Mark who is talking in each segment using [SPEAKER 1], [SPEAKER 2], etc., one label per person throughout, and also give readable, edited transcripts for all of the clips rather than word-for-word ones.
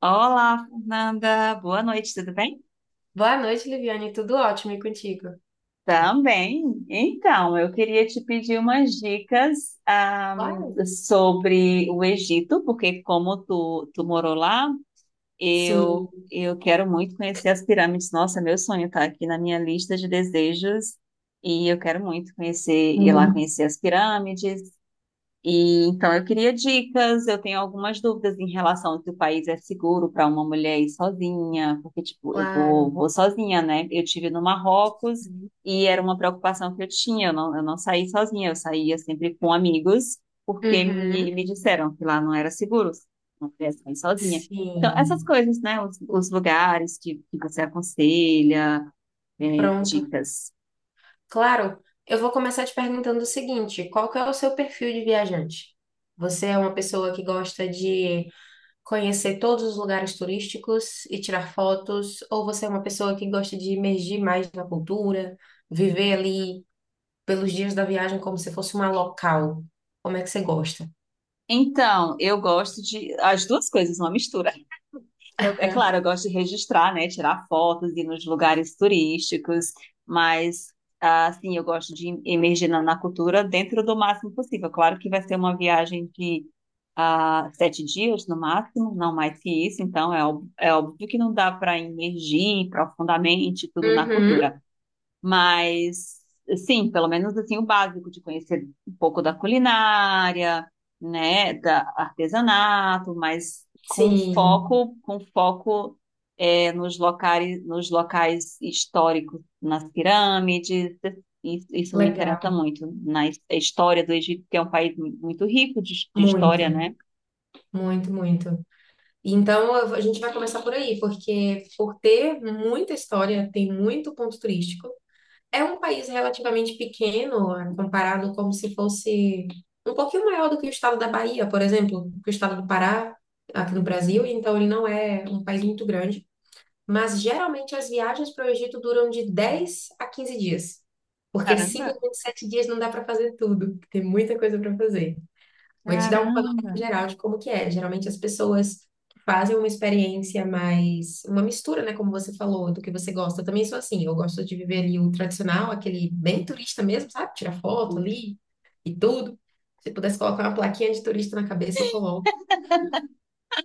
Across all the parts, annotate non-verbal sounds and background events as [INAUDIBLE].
[SPEAKER 1] Olá, Fernanda. Boa noite, tudo bem?
[SPEAKER 2] Boa noite, Liviane. Tudo ótimo e contigo?
[SPEAKER 1] Também. Então, eu queria te pedir umas dicas,
[SPEAKER 2] Claro.
[SPEAKER 1] sobre o Egito, porque como tu morou lá, eu,
[SPEAKER 2] Sim.
[SPEAKER 1] eu quero muito conhecer as pirâmides. Nossa, meu sonho tá aqui na minha lista de desejos e eu quero muito conhecer, ir lá
[SPEAKER 2] Uhum.
[SPEAKER 1] conhecer as pirâmides. E então eu queria dicas, eu tenho algumas dúvidas em relação ao se o país é seguro para uma mulher ir sozinha, porque tipo, eu vou,
[SPEAKER 2] Claro.
[SPEAKER 1] vou sozinha, né? Eu tive no Marrocos e era uma preocupação que eu tinha, eu não saí sozinha, eu saía sempre com amigos, porque me,
[SPEAKER 2] Uhum,
[SPEAKER 1] me disseram que lá não era seguro, não podia sair sozinha. Então, essas
[SPEAKER 2] sim.
[SPEAKER 1] coisas, né? Os lugares que você aconselha,
[SPEAKER 2] Pronto.
[SPEAKER 1] dicas.
[SPEAKER 2] Claro, eu vou começar te perguntando o seguinte: qual que é o seu perfil de viajante? Você é uma pessoa que gosta de conhecer todos os lugares turísticos e tirar fotos, ou você é uma pessoa que gosta de imergir mais na cultura, viver ali pelos dias da viagem como se fosse uma local? Como é que você gosta?
[SPEAKER 1] Então, eu gosto de as duas coisas, uma mistura. É claro, eu gosto de registrar, né? Tirar fotos, ir nos lugares turísticos, mas assim, eu gosto de emergir na cultura dentro do máximo possível. Claro que vai ser uma viagem de 7 dias no máximo, não mais que isso, então é óbvio que não dá para imergir profundamente tudo na
[SPEAKER 2] [LAUGHS]
[SPEAKER 1] cultura. Mas, sim, pelo menos assim o básico de conhecer um pouco da culinária, né, da artesanato, mas com
[SPEAKER 2] Sim,
[SPEAKER 1] foco, com foco nos locais históricos, nas pirâmides. Isso me interessa
[SPEAKER 2] legal.
[SPEAKER 1] muito, a história do Egito, que é um país muito rico de
[SPEAKER 2] Muito,
[SPEAKER 1] história, né?
[SPEAKER 2] muito, muito. Então, a gente vai começar por aí, porque por ter muita história, tem muito ponto turístico. É um país relativamente pequeno, comparado como se fosse um pouquinho maior do que o estado da Bahia, por exemplo, que o estado do Pará, aqui no Brasil.
[SPEAKER 1] Uhum.
[SPEAKER 2] Então, ele não é um país muito grande. Mas, geralmente, as viagens para o Egito duram de 10 a 15 dias, porque
[SPEAKER 1] Caramba,
[SPEAKER 2] simplesmente sete dias não dá para fazer tudo, tem muita coisa para fazer. Vou te dar um panorama
[SPEAKER 1] caramba.
[SPEAKER 2] geral de como que é. Geralmente as pessoas fazem uma experiência mais, uma mistura, né, como você falou, do que você gosta. Eu também sou assim, eu gosto de viver ali o tradicional, aquele bem turista mesmo, sabe? Tirar foto
[SPEAKER 1] Hum.
[SPEAKER 2] ali e tudo. Se pudesse colocar uma plaquinha de turista na cabeça, eu coloco.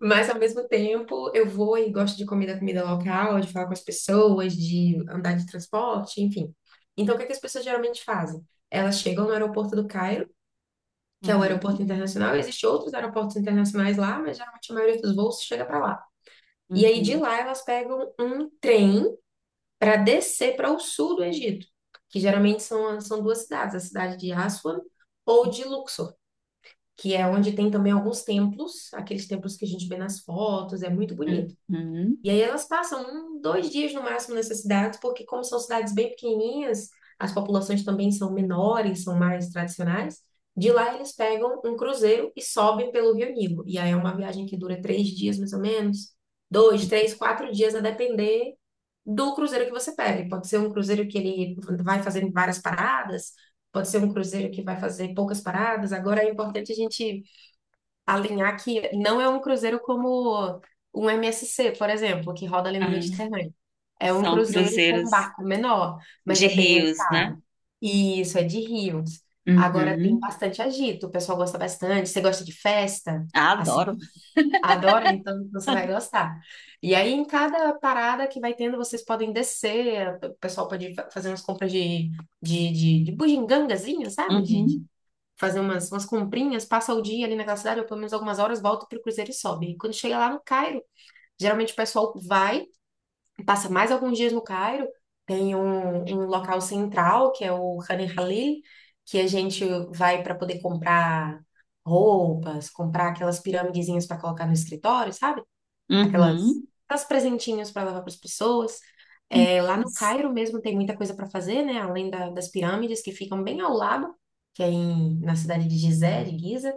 [SPEAKER 2] Mas ao mesmo tempo, eu vou e gosto de comida, comida local, de falar com as pessoas, de andar de transporte, enfim. Então, o que é que as pessoas geralmente fazem? Elas chegam no aeroporto do Cairo, que é o aeroporto
[SPEAKER 1] Uhum,
[SPEAKER 2] internacional. Existem outros aeroportos internacionais lá, mas geralmente a maioria dos voos chega para lá. E aí de
[SPEAKER 1] uhum,
[SPEAKER 2] lá elas pegam um trem para descer para o sul do Egito, que geralmente são duas cidades, a cidade de Aswan ou de Luxor, que é onde tem também alguns templos, aqueles templos que a gente vê nas fotos, é muito bonito.
[SPEAKER 1] uhum,
[SPEAKER 2] E aí elas passam um, dois dias no máximo nessas cidades, porque como são cidades bem pequenininhas, as populações também são menores, são mais tradicionais. De lá eles pegam um cruzeiro e sobem pelo Rio Nilo. E aí é uma viagem que dura três dias mais ou menos, dois, três, quatro dias a depender do cruzeiro que você pega. Pode ser um cruzeiro que ele vai fazer várias paradas, pode ser um cruzeiro que vai fazer poucas paradas. Agora é importante a gente alinhar que não é um cruzeiro como um MSC, por exemplo, que roda ali no
[SPEAKER 1] uhum.
[SPEAKER 2] Mediterrâneo. É um
[SPEAKER 1] São
[SPEAKER 2] cruzeiro com um
[SPEAKER 1] cruzeiros
[SPEAKER 2] barco menor, mas
[SPEAKER 1] de
[SPEAKER 2] é bem
[SPEAKER 1] rios, né?
[SPEAKER 2] agitado. E isso é de rios. Agora tem
[SPEAKER 1] Uhum.
[SPEAKER 2] bastante agito, o pessoal gosta bastante. Você gosta de festa?
[SPEAKER 1] Ah,
[SPEAKER 2] Assim,
[SPEAKER 1] adoro.
[SPEAKER 2] adora, então você vai gostar. E aí, em cada parada que vai tendo, vocês podem descer, o pessoal pode fazer umas compras de bugigangazinho, sabe? De
[SPEAKER 1] Uhum.
[SPEAKER 2] fazer umas, umas comprinhas, passa o dia ali naquela cidade, ou pelo menos algumas horas, volta pro cruzeiro e sobe. E quando chega lá no Cairo, geralmente o pessoal vai, passa mais alguns dias no Cairo, tem um local central, que é o Khan el Halil, que a gente vai para poder comprar roupas, comprar aquelas pirâmidezinhas para colocar no escritório, sabe? Aquelas,
[SPEAKER 1] Uhum.
[SPEAKER 2] aquelas presentinhos para levar para as pessoas. É, lá no Cairo mesmo tem muita coisa para fazer, né? Além das pirâmides que ficam bem ao lado, que é na cidade de Gizé, de Giza.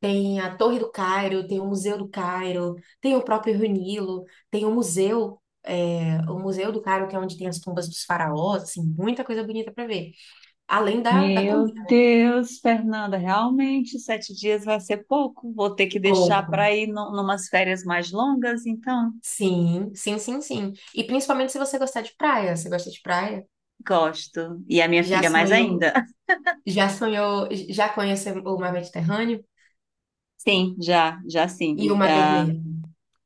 [SPEAKER 2] Tem a Torre do Cairo, tem o Museu do Cairo, tem o próprio Rio Nilo, tem o o Museu do Cairo, que é onde tem as tumbas dos faraós, assim, muita coisa bonita para ver. Além da, da
[SPEAKER 1] Meu
[SPEAKER 2] comida.
[SPEAKER 1] Deus, Fernanda, realmente 7 dias vai ser pouco. Vou ter que deixar
[SPEAKER 2] Pouco.
[SPEAKER 1] para ir numas férias mais longas, então
[SPEAKER 2] Sim, sim, sim, sim. E principalmente se você gostar de praia. Você gosta de praia?
[SPEAKER 1] gosto. E a minha
[SPEAKER 2] Já
[SPEAKER 1] filha mais
[SPEAKER 2] sonhou?
[SPEAKER 1] ainda. [LAUGHS]
[SPEAKER 2] Já sonhou, já conheceu o mar Mediterrâneo
[SPEAKER 1] Sim, já, já
[SPEAKER 2] e o
[SPEAKER 1] sim.
[SPEAKER 2] mar
[SPEAKER 1] Ah,
[SPEAKER 2] Vermelho?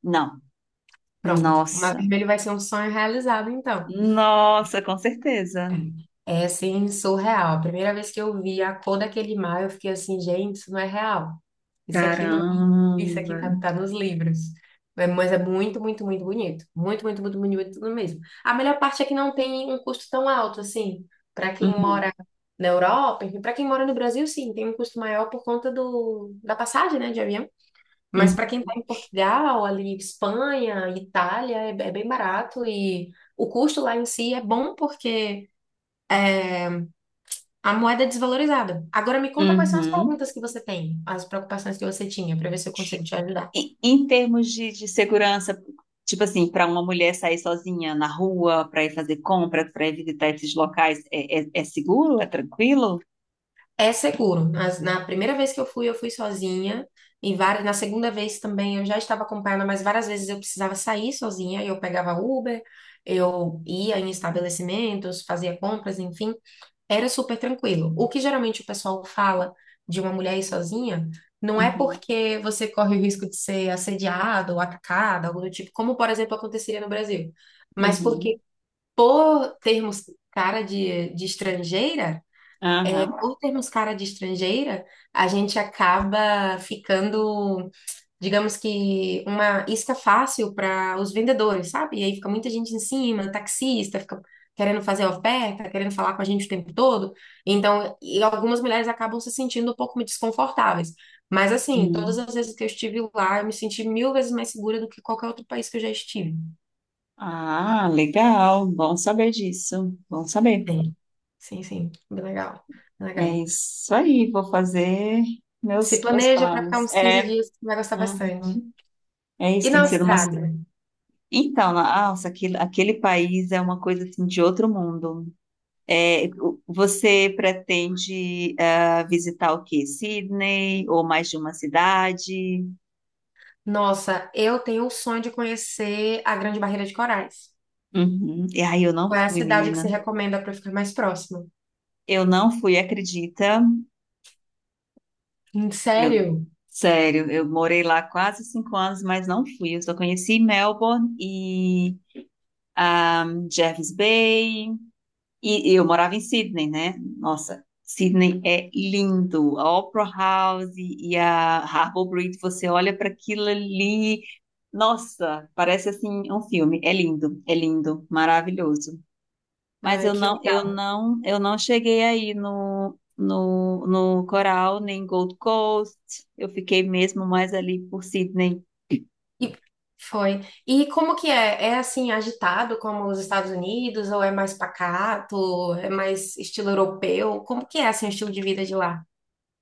[SPEAKER 1] não.
[SPEAKER 2] Pronto, o mar
[SPEAKER 1] Nossa,
[SPEAKER 2] Vermelho vai ser um sonho realizado, então.
[SPEAKER 1] nossa, com certeza.
[SPEAKER 2] É assim, surreal. A primeira vez que eu vi a cor daquele mar, eu fiquei assim, gente, isso não é real. Isso aqui não é, isso aqui
[SPEAKER 1] Caramba.
[SPEAKER 2] tá, tá nos livros. É, mas é muito, muito, muito bonito. Muito, muito, muito bonito mesmo. A melhor parte é que não tem um custo tão alto assim. Para quem
[SPEAKER 1] Uhum.
[SPEAKER 2] mora na Europa, enfim, para quem mora no Brasil, sim, tem um custo maior por conta do, da passagem, né, de avião. Mas
[SPEAKER 1] Uhum.
[SPEAKER 2] para quem está em Portugal, ali, Espanha, Itália, é bem barato e o custo lá em si é bom porque a moeda é desvalorizada. Agora me conta quais são as
[SPEAKER 1] Uhum.
[SPEAKER 2] perguntas que você tem, as preocupações que você tinha, para ver se eu consigo te ajudar.
[SPEAKER 1] Em termos de segurança, tipo assim, para uma mulher sair sozinha na rua, para ir fazer compra, para ir visitar esses locais, é seguro? É tranquilo?
[SPEAKER 2] É seguro. Na primeira vez que eu fui sozinha. E várias, na segunda vez também eu já estava acompanhada, mas várias vezes eu precisava sair sozinha, e eu pegava Uber, eu ia em estabelecimentos, fazia compras, enfim. Era super tranquilo. O que geralmente o pessoal fala de uma mulher ir sozinha não é
[SPEAKER 1] Uhum,
[SPEAKER 2] porque você corre o risco de ser assediado ou atacada, algo do tipo, como, por exemplo, aconteceria no Brasil, mas porque
[SPEAKER 1] uhum,
[SPEAKER 2] por termos cara de estrangeira,
[SPEAKER 1] aham,
[SPEAKER 2] por termos cara de estrangeira, a gente acaba ficando digamos que uma isca fácil para os vendedores, sabe? E aí fica muita gente em cima, taxista, fica querendo fazer oferta, querendo falar com a gente o tempo todo. Então, e algumas mulheres acabam se sentindo um pouco desconfortáveis. Mas assim, todas
[SPEAKER 1] hum.
[SPEAKER 2] as vezes que eu estive lá, eu me senti mil vezes mais segura do que qualquer outro país que eu já estive.
[SPEAKER 1] Ah, legal. Bom saber disso. Bom saber.
[SPEAKER 2] Sim, sim, sim. Bem legal, bem
[SPEAKER 1] É
[SPEAKER 2] legal.
[SPEAKER 1] isso aí, vou fazer
[SPEAKER 2] Se
[SPEAKER 1] meus
[SPEAKER 2] planeja para ficar
[SPEAKER 1] planos.
[SPEAKER 2] uns 15
[SPEAKER 1] É,
[SPEAKER 2] dias, você vai gostar bastante.
[SPEAKER 1] uhum. É
[SPEAKER 2] E
[SPEAKER 1] isso,
[SPEAKER 2] na
[SPEAKER 1] tem que ser uma.
[SPEAKER 2] Austrália?
[SPEAKER 1] Então, nossa, aquele país é uma coisa assim de outro mundo. Você pretende visitar o quê? Sydney ou mais de uma cidade?
[SPEAKER 2] Nossa, eu tenho o sonho de conhecer a Grande Barreira de Corais.
[SPEAKER 1] Uhum. E aí eu não
[SPEAKER 2] Qual é a
[SPEAKER 1] fui,
[SPEAKER 2] cidade que você
[SPEAKER 1] menina.
[SPEAKER 2] recomenda para ficar mais próximo?
[SPEAKER 1] Eu não fui, acredita? Eu,
[SPEAKER 2] Sério?
[SPEAKER 1] sério, eu morei lá quase 5 anos, mas não fui. Eu só conheci Melbourne e ah, Jervis Bay. E eu morava em Sydney, né? Nossa, Sydney é lindo. A Opera House e a Harbour Bridge, você olha para aquilo ali. Nossa, parece assim um filme. É lindo, maravilhoso. Mas
[SPEAKER 2] Ai, que legal.
[SPEAKER 1] eu não cheguei aí no Coral nem em Gold Coast. Eu fiquei mesmo mais ali por Sydney.
[SPEAKER 2] E foi. E como que é? É assim agitado como os Estados Unidos ou é mais pacato? É mais estilo europeu? Como que é assim o estilo de vida de lá?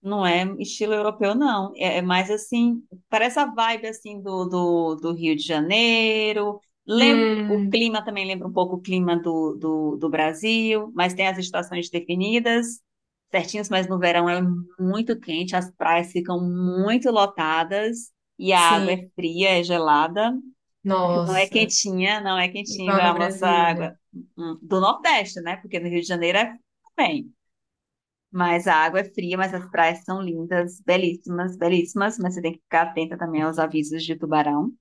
[SPEAKER 1] Não é estilo europeu, não. É, é mais assim, parece a vibe assim do Rio de Janeiro. Lem o
[SPEAKER 2] Hum,
[SPEAKER 1] clima também lembra um pouco o clima do Brasil, mas tem as estações definidas, certinhos, mas no verão é muito quente, as praias ficam muito lotadas e a água
[SPEAKER 2] sim.
[SPEAKER 1] é fria, é gelada. Não é
[SPEAKER 2] Nossa,
[SPEAKER 1] quentinha, não é quentinha
[SPEAKER 2] igual
[SPEAKER 1] igual
[SPEAKER 2] no
[SPEAKER 1] a nossa
[SPEAKER 2] Brasil, né?
[SPEAKER 1] água do Nordeste, né? Porque no Rio de Janeiro é bem. Mas a água é fria, mas as praias são lindas, belíssimas, belíssimas, mas você tem que ficar atenta também aos avisos de tubarão.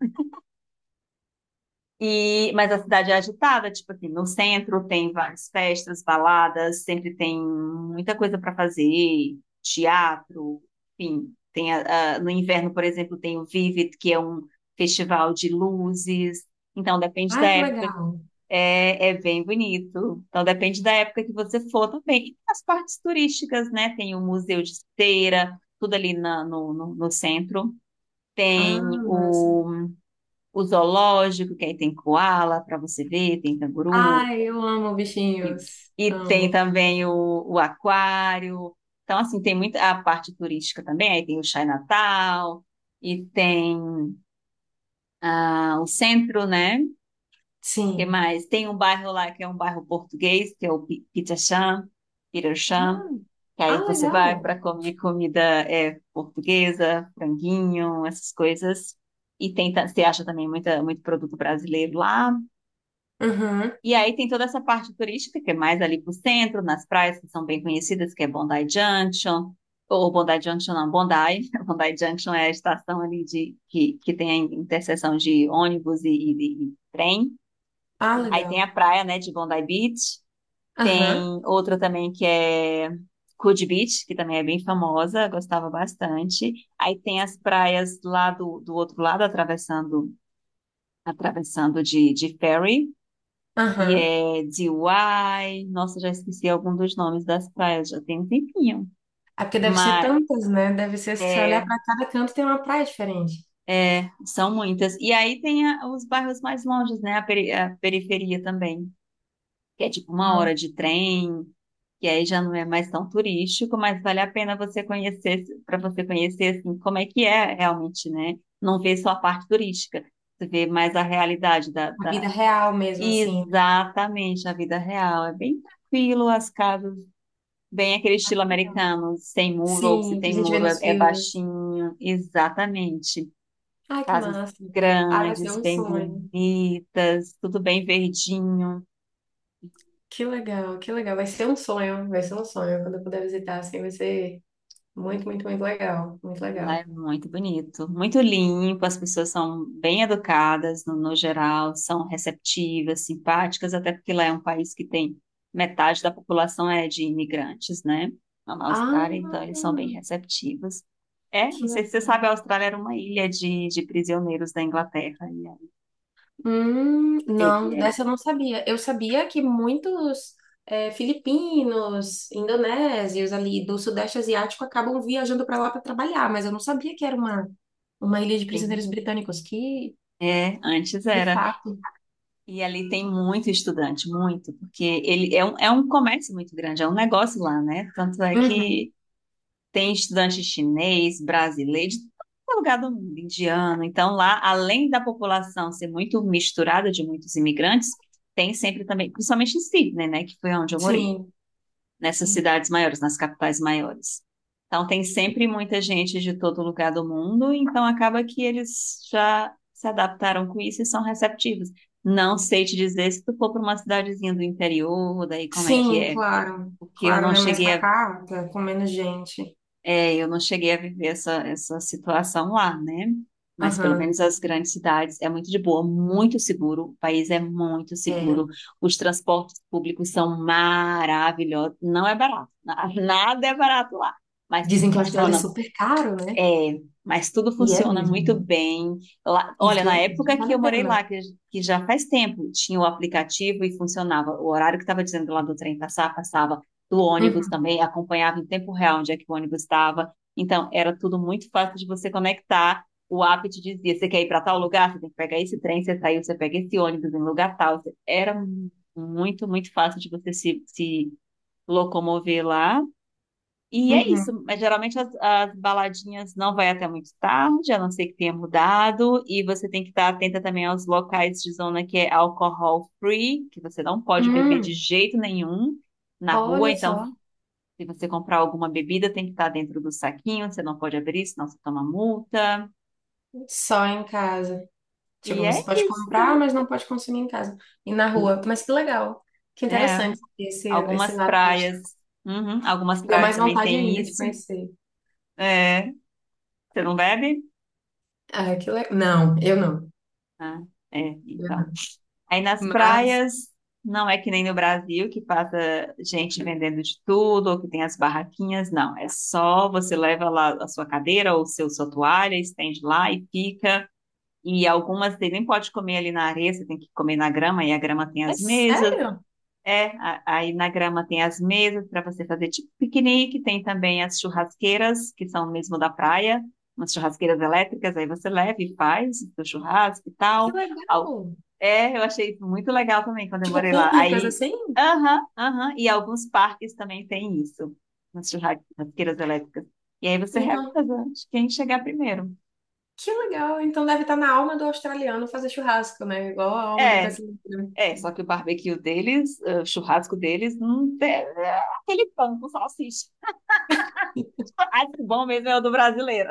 [SPEAKER 1] E, mas a cidade é agitada, tipo assim, no centro tem várias festas, baladas, sempre tem muita coisa para fazer, teatro, enfim. Tem no inverno, por exemplo, tem o Vivid, que é um festival de luzes. Então, depende
[SPEAKER 2] Ai,
[SPEAKER 1] da
[SPEAKER 2] que
[SPEAKER 1] época
[SPEAKER 2] legal.
[SPEAKER 1] é, é bem bonito. Então depende da época que você for também. E tem as partes turísticas, né? Tem o Museu de Esteira, tudo ali no centro. Tem
[SPEAKER 2] Ah, massa.
[SPEAKER 1] o zoológico, que aí tem coala para você ver, tem canguru,
[SPEAKER 2] Ai, eu amo
[SPEAKER 1] e,
[SPEAKER 2] bichinhos.
[SPEAKER 1] e tem
[SPEAKER 2] Amo.
[SPEAKER 1] também o aquário. Então, assim, tem muita a parte turística também, aí tem o Chinatown, e tem o centro, né? Que
[SPEAKER 2] Sim.
[SPEAKER 1] mais? Tem um bairro lá que é um bairro português, que é o Pichachã, Pirachã,
[SPEAKER 2] Ah,
[SPEAKER 1] que
[SPEAKER 2] ah,
[SPEAKER 1] aí você vai
[SPEAKER 2] legal.
[SPEAKER 1] para comer comida portuguesa, franguinho, essas coisas. E tem, você acha também muito produto brasileiro lá.
[SPEAKER 2] Uhum.
[SPEAKER 1] E aí tem toda essa parte turística, que é mais ali pro centro, nas praias que são bem conhecidas, que é Bondi Junction, ou Bondi Junction não, Bondi. [LAUGHS] Bondi Junction é a estação ali de, que tem a interseção de ônibus e e trem.
[SPEAKER 2] Ah,
[SPEAKER 1] Aí tem
[SPEAKER 2] legal.
[SPEAKER 1] a praia, né, de Bondi Beach.
[SPEAKER 2] Aham.
[SPEAKER 1] Tem outra também que é Coogee Beach, que também é bem famosa, gostava bastante. Aí tem as praias lá do outro lado, atravessando de ferry, e
[SPEAKER 2] Aham.
[SPEAKER 1] é Dewey. Nossa, já esqueci algum dos nomes das praias, já tem um tempinho.
[SPEAKER 2] É porque deve ser
[SPEAKER 1] Mas
[SPEAKER 2] tantas, né? Deve ser, se você olhar
[SPEAKER 1] é,
[SPEAKER 2] pra cada canto, tem uma praia diferente.
[SPEAKER 1] são muitas. E aí tem os bairros mais longes, né? A a periferia também, que é tipo uma
[SPEAKER 2] Ah,
[SPEAKER 1] hora de trem, que aí já não é mais tão turístico, mas vale a pena você conhecer, para você conhecer assim, como é que é realmente, né? Não ver só a parte turística, você vê mais a realidade
[SPEAKER 2] a
[SPEAKER 1] da...
[SPEAKER 2] vida real mesmo, assim.
[SPEAKER 1] Exatamente, a vida real. É bem tranquilo, as casas, bem aquele estilo americano, sem muro, ou se
[SPEAKER 2] Sim, que a
[SPEAKER 1] tem
[SPEAKER 2] gente vê
[SPEAKER 1] muro
[SPEAKER 2] nos
[SPEAKER 1] é
[SPEAKER 2] filmes.
[SPEAKER 1] baixinho. Exatamente.
[SPEAKER 2] Ai, que
[SPEAKER 1] Casas
[SPEAKER 2] massa. Ah, vai ser
[SPEAKER 1] grandes,
[SPEAKER 2] um
[SPEAKER 1] bem
[SPEAKER 2] sonho.
[SPEAKER 1] bonitas, tudo bem verdinho.
[SPEAKER 2] Que legal, que legal. Vai ser um sonho, vai ser um sonho quando eu puder visitar, assim, vai ser muito, muito, muito legal. Muito
[SPEAKER 1] Lá é
[SPEAKER 2] legal.
[SPEAKER 1] muito bonito, muito limpo, as pessoas são bem educadas no geral, são receptivas, simpáticas, até porque lá é um país que tem metade da população é de imigrantes, né? Lá na Austrália,
[SPEAKER 2] Ah,
[SPEAKER 1] então eles são bem receptivos. É, não
[SPEAKER 2] que
[SPEAKER 1] sei se você
[SPEAKER 2] legal.
[SPEAKER 1] sabe, a Austrália era uma ilha de prisioneiros da Inglaterra, e aí, eu que
[SPEAKER 2] Não,
[SPEAKER 1] é.
[SPEAKER 2] dessa eu não sabia. Eu sabia que muitos filipinos, indonésios ali do Sudeste Asiático acabam viajando para lá para trabalhar, mas eu não sabia que era uma ilha de prisioneiros
[SPEAKER 1] Sim.
[SPEAKER 2] britânicos. Que,
[SPEAKER 1] É, antes
[SPEAKER 2] de
[SPEAKER 1] era.
[SPEAKER 2] fato.
[SPEAKER 1] E ali tem muito estudante, muito, porque ele é é um comércio muito grande, é um negócio lá, né? Tanto é
[SPEAKER 2] Uhum,
[SPEAKER 1] que tem estudante chinês, brasileiro, de todo lugar do mundo, indiano. Então, lá, além da população ser muito misturada de muitos imigrantes, tem sempre também, principalmente em Sydney, né, que foi onde eu morei,
[SPEAKER 2] sim,
[SPEAKER 1] nessas
[SPEAKER 2] sim.
[SPEAKER 1] cidades maiores, nas capitais maiores. Então, tem sempre muita gente de todo lugar do mundo, então acaba que eles já se adaptaram com isso e são receptivos. Não sei te dizer se tu for para uma cidadezinha do interior, daí como é que
[SPEAKER 2] Sim,
[SPEAKER 1] é,
[SPEAKER 2] claro.
[SPEAKER 1] porque eu
[SPEAKER 2] Claro,
[SPEAKER 1] não
[SPEAKER 2] né? Mais
[SPEAKER 1] cheguei a
[SPEAKER 2] pacata, com menos gente.
[SPEAKER 1] eu não cheguei a viver essa situação lá, né? Mas pelo
[SPEAKER 2] Aham,
[SPEAKER 1] menos as grandes cidades é muito de boa, muito seguro. O país é muito seguro.
[SPEAKER 2] é.
[SPEAKER 1] Os transportes públicos são maravilhosos. Não é barato, [LAUGHS] nada é barato lá, mas
[SPEAKER 2] Dizem
[SPEAKER 1] tudo
[SPEAKER 2] que a Austrália é
[SPEAKER 1] funciona,
[SPEAKER 2] super caro, né?
[SPEAKER 1] mas tudo
[SPEAKER 2] E é
[SPEAKER 1] funciona
[SPEAKER 2] mesmo.
[SPEAKER 1] muito bem. Olha, na
[SPEAKER 2] Isso
[SPEAKER 1] época que
[SPEAKER 2] vale
[SPEAKER 1] eu
[SPEAKER 2] a
[SPEAKER 1] morei
[SPEAKER 2] pena.
[SPEAKER 1] lá, que já faz tempo, tinha o aplicativo e funcionava. O horário que estava dizendo lá do trem passar, passava do ônibus
[SPEAKER 2] Uhum,
[SPEAKER 1] também, acompanhava em tempo real onde é que o ônibus estava. Então, era tudo muito fácil de você conectar. O app te dizia, você quer ir para tal lugar, você tem que pegar esse trem, você saiu, você pega esse ônibus em lugar tal. Era muito, muito fácil de você se locomover lá. E é isso,
[SPEAKER 2] uhum.
[SPEAKER 1] mas geralmente as baladinhas não vai até muito tarde, a não ser que tenha mudado, e você tem que estar atenta também aos locais de zona que é alcohol free, que você não pode beber de
[SPEAKER 2] Hum,
[SPEAKER 1] jeito nenhum na rua,
[SPEAKER 2] olha
[SPEAKER 1] então
[SPEAKER 2] só.
[SPEAKER 1] se você comprar alguma bebida tem que estar dentro do saquinho, você não pode abrir, senão você toma multa.
[SPEAKER 2] Só em casa.
[SPEAKER 1] E
[SPEAKER 2] Tipo,
[SPEAKER 1] é
[SPEAKER 2] você pode comprar,
[SPEAKER 1] isso.
[SPEAKER 2] mas não pode consumir em casa. E na rua. Mas que legal. Que
[SPEAKER 1] É,
[SPEAKER 2] interessante esse, esse
[SPEAKER 1] algumas
[SPEAKER 2] lado da Áustria.
[SPEAKER 1] praias, uhum, algumas
[SPEAKER 2] Deu
[SPEAKER 1] praias
[SPEAKER 2] mais
[SPEAKER 1] também
[SPEAKER 2] vontade
[SPEAKER 1] tem
[SPEAKER 2] ainda de
[SPEAKER 1] isso.
[SPEAKER 2] conhecer.
[SPEAKER 1] É, você não bebe?
[SPEAKER 2] Ah, que legal. Não, eu não.
[SPEAKER 1] Ah, é, então. Aí nas
[SPEAKER 2] Mas,
[SPEAKER 1] praias, não é que nem no Brasil, que passa gente vendendo de tudo, ou que tem as barraquinhas, não. É só você leva lá a sua cadeira ou sua toalha, estende lá e fica. E algumas você nem pode comer ali na areia, você tem que comer na grama, e a grama tem
[SPEAKER 2] é
[SPEAKER 1] as mesas.
[SPEAKER 2] sério?
[SPEAKER 1] É, aí na grama tem as mesas para você fazer tipo piquenique, tem também as churrasqueiras, que são mesmo da praia, umas churrasqueiras elétricas, aí você leva e faz o seu churrasco e
[SPEAKER 2] Que
[SPEAKER 1] tal. Al-
[SPEAKER 2] legal.
[SPEAKER 1] É, eu achei isso muito legal também quando eu
[SPEAKER 2] Tipo,
[SPEAKER 1] morei lá.
[SPEAKER 2] públicas
[SPEAKER 1] Aí,
[SPEAKER 2] assim?
[SPEAKER 1] aham, aham, e alguns parques também tem isso, umas churrasqueiras elétricas. E aí você
[SPEAKER 2] Então,
[SPEAKER 1] reveza de quem chegar primeiro.
[SPEAKER 2] que legal. Então deve estar na alma do australiano fazer churrasco, né? Igual a alma do
[SPEAKER 1] É,
[SPEAKER 2] brasileiro.
[SPEAKER 1] é, só que o barbecue deles, o churrasco deles, não tem, é aquele pão com salsicha. Ai, que bom mesmo é o do brasileiro.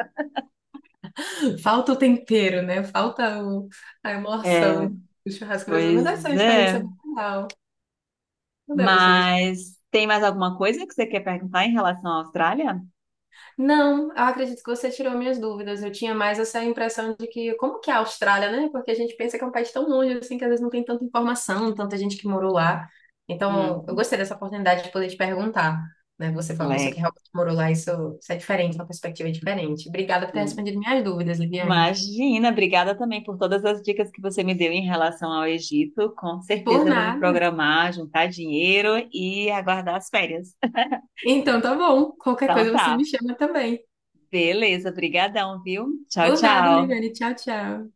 [SPEAKER 2] Falta o tempero, né? A
[SPEAKER 1] É,
[SPEAKER 2] emoção do churrasco brasileiro. Mas
[SPEAKER 1] pois
[SPEAKER 2] deve ser uma experiência
[SPEAKER 1] é.
[SPEAKER 2] bem legal. Não deve ser uma.
[SPEAKER 1] Mas tem mais alguma coisa que você quer perguntar em relação à Austrália?
[SPEAKER 2] Não, eu acredito que você tirou minhas dúvidas. Eu tinha mais essa impressão de que, como que é a Austrália, né? Porque a gente pensa que é um país tão longe, assim, que às vezes não tem tanta informação, tanta gente que morou lá. Então, eu
[SPEAKER 1] Hum,
[SPEAKER 2] gostei dessa oportunidade de poder te perguntar, né? Você foi uma pessoa que
[SPEAKER 1] legal.
[SPEAKER 2] realmente morou lá, isso é diferente, uma perspectiva diferente. Obrigada por ter
[SPEAKER 1] Hum.
[SPEAKER 2] respondido minhas dúvidas, Liviane.
[SPEAKER 1] Imagina, obrigada também por todas as dicas que você me deu em relação ao Egito. Com
[SPEAKER 2] Por
[SPEAKER 1] certeza eu vou me
[SPEAKER 2] nada.
[SPEAKER 1] programar, juntar dinheiro e aguardar as férias.
[SPEAKER 2] Então, tá bom. Qualquer
[SPEAKER 1] Então
[SPEAKER 2] coisa você me
[SPEAKER 1] tá.
[SPEAKER 2] chama também.
[SPEAKER 1] Beleza, brigadão, viu? Tchau,
[SPEAKER 2] Por nada,
[SPEAKER 1] tchau.
[SPEAKER 2] Liviane. Tchau, tchau.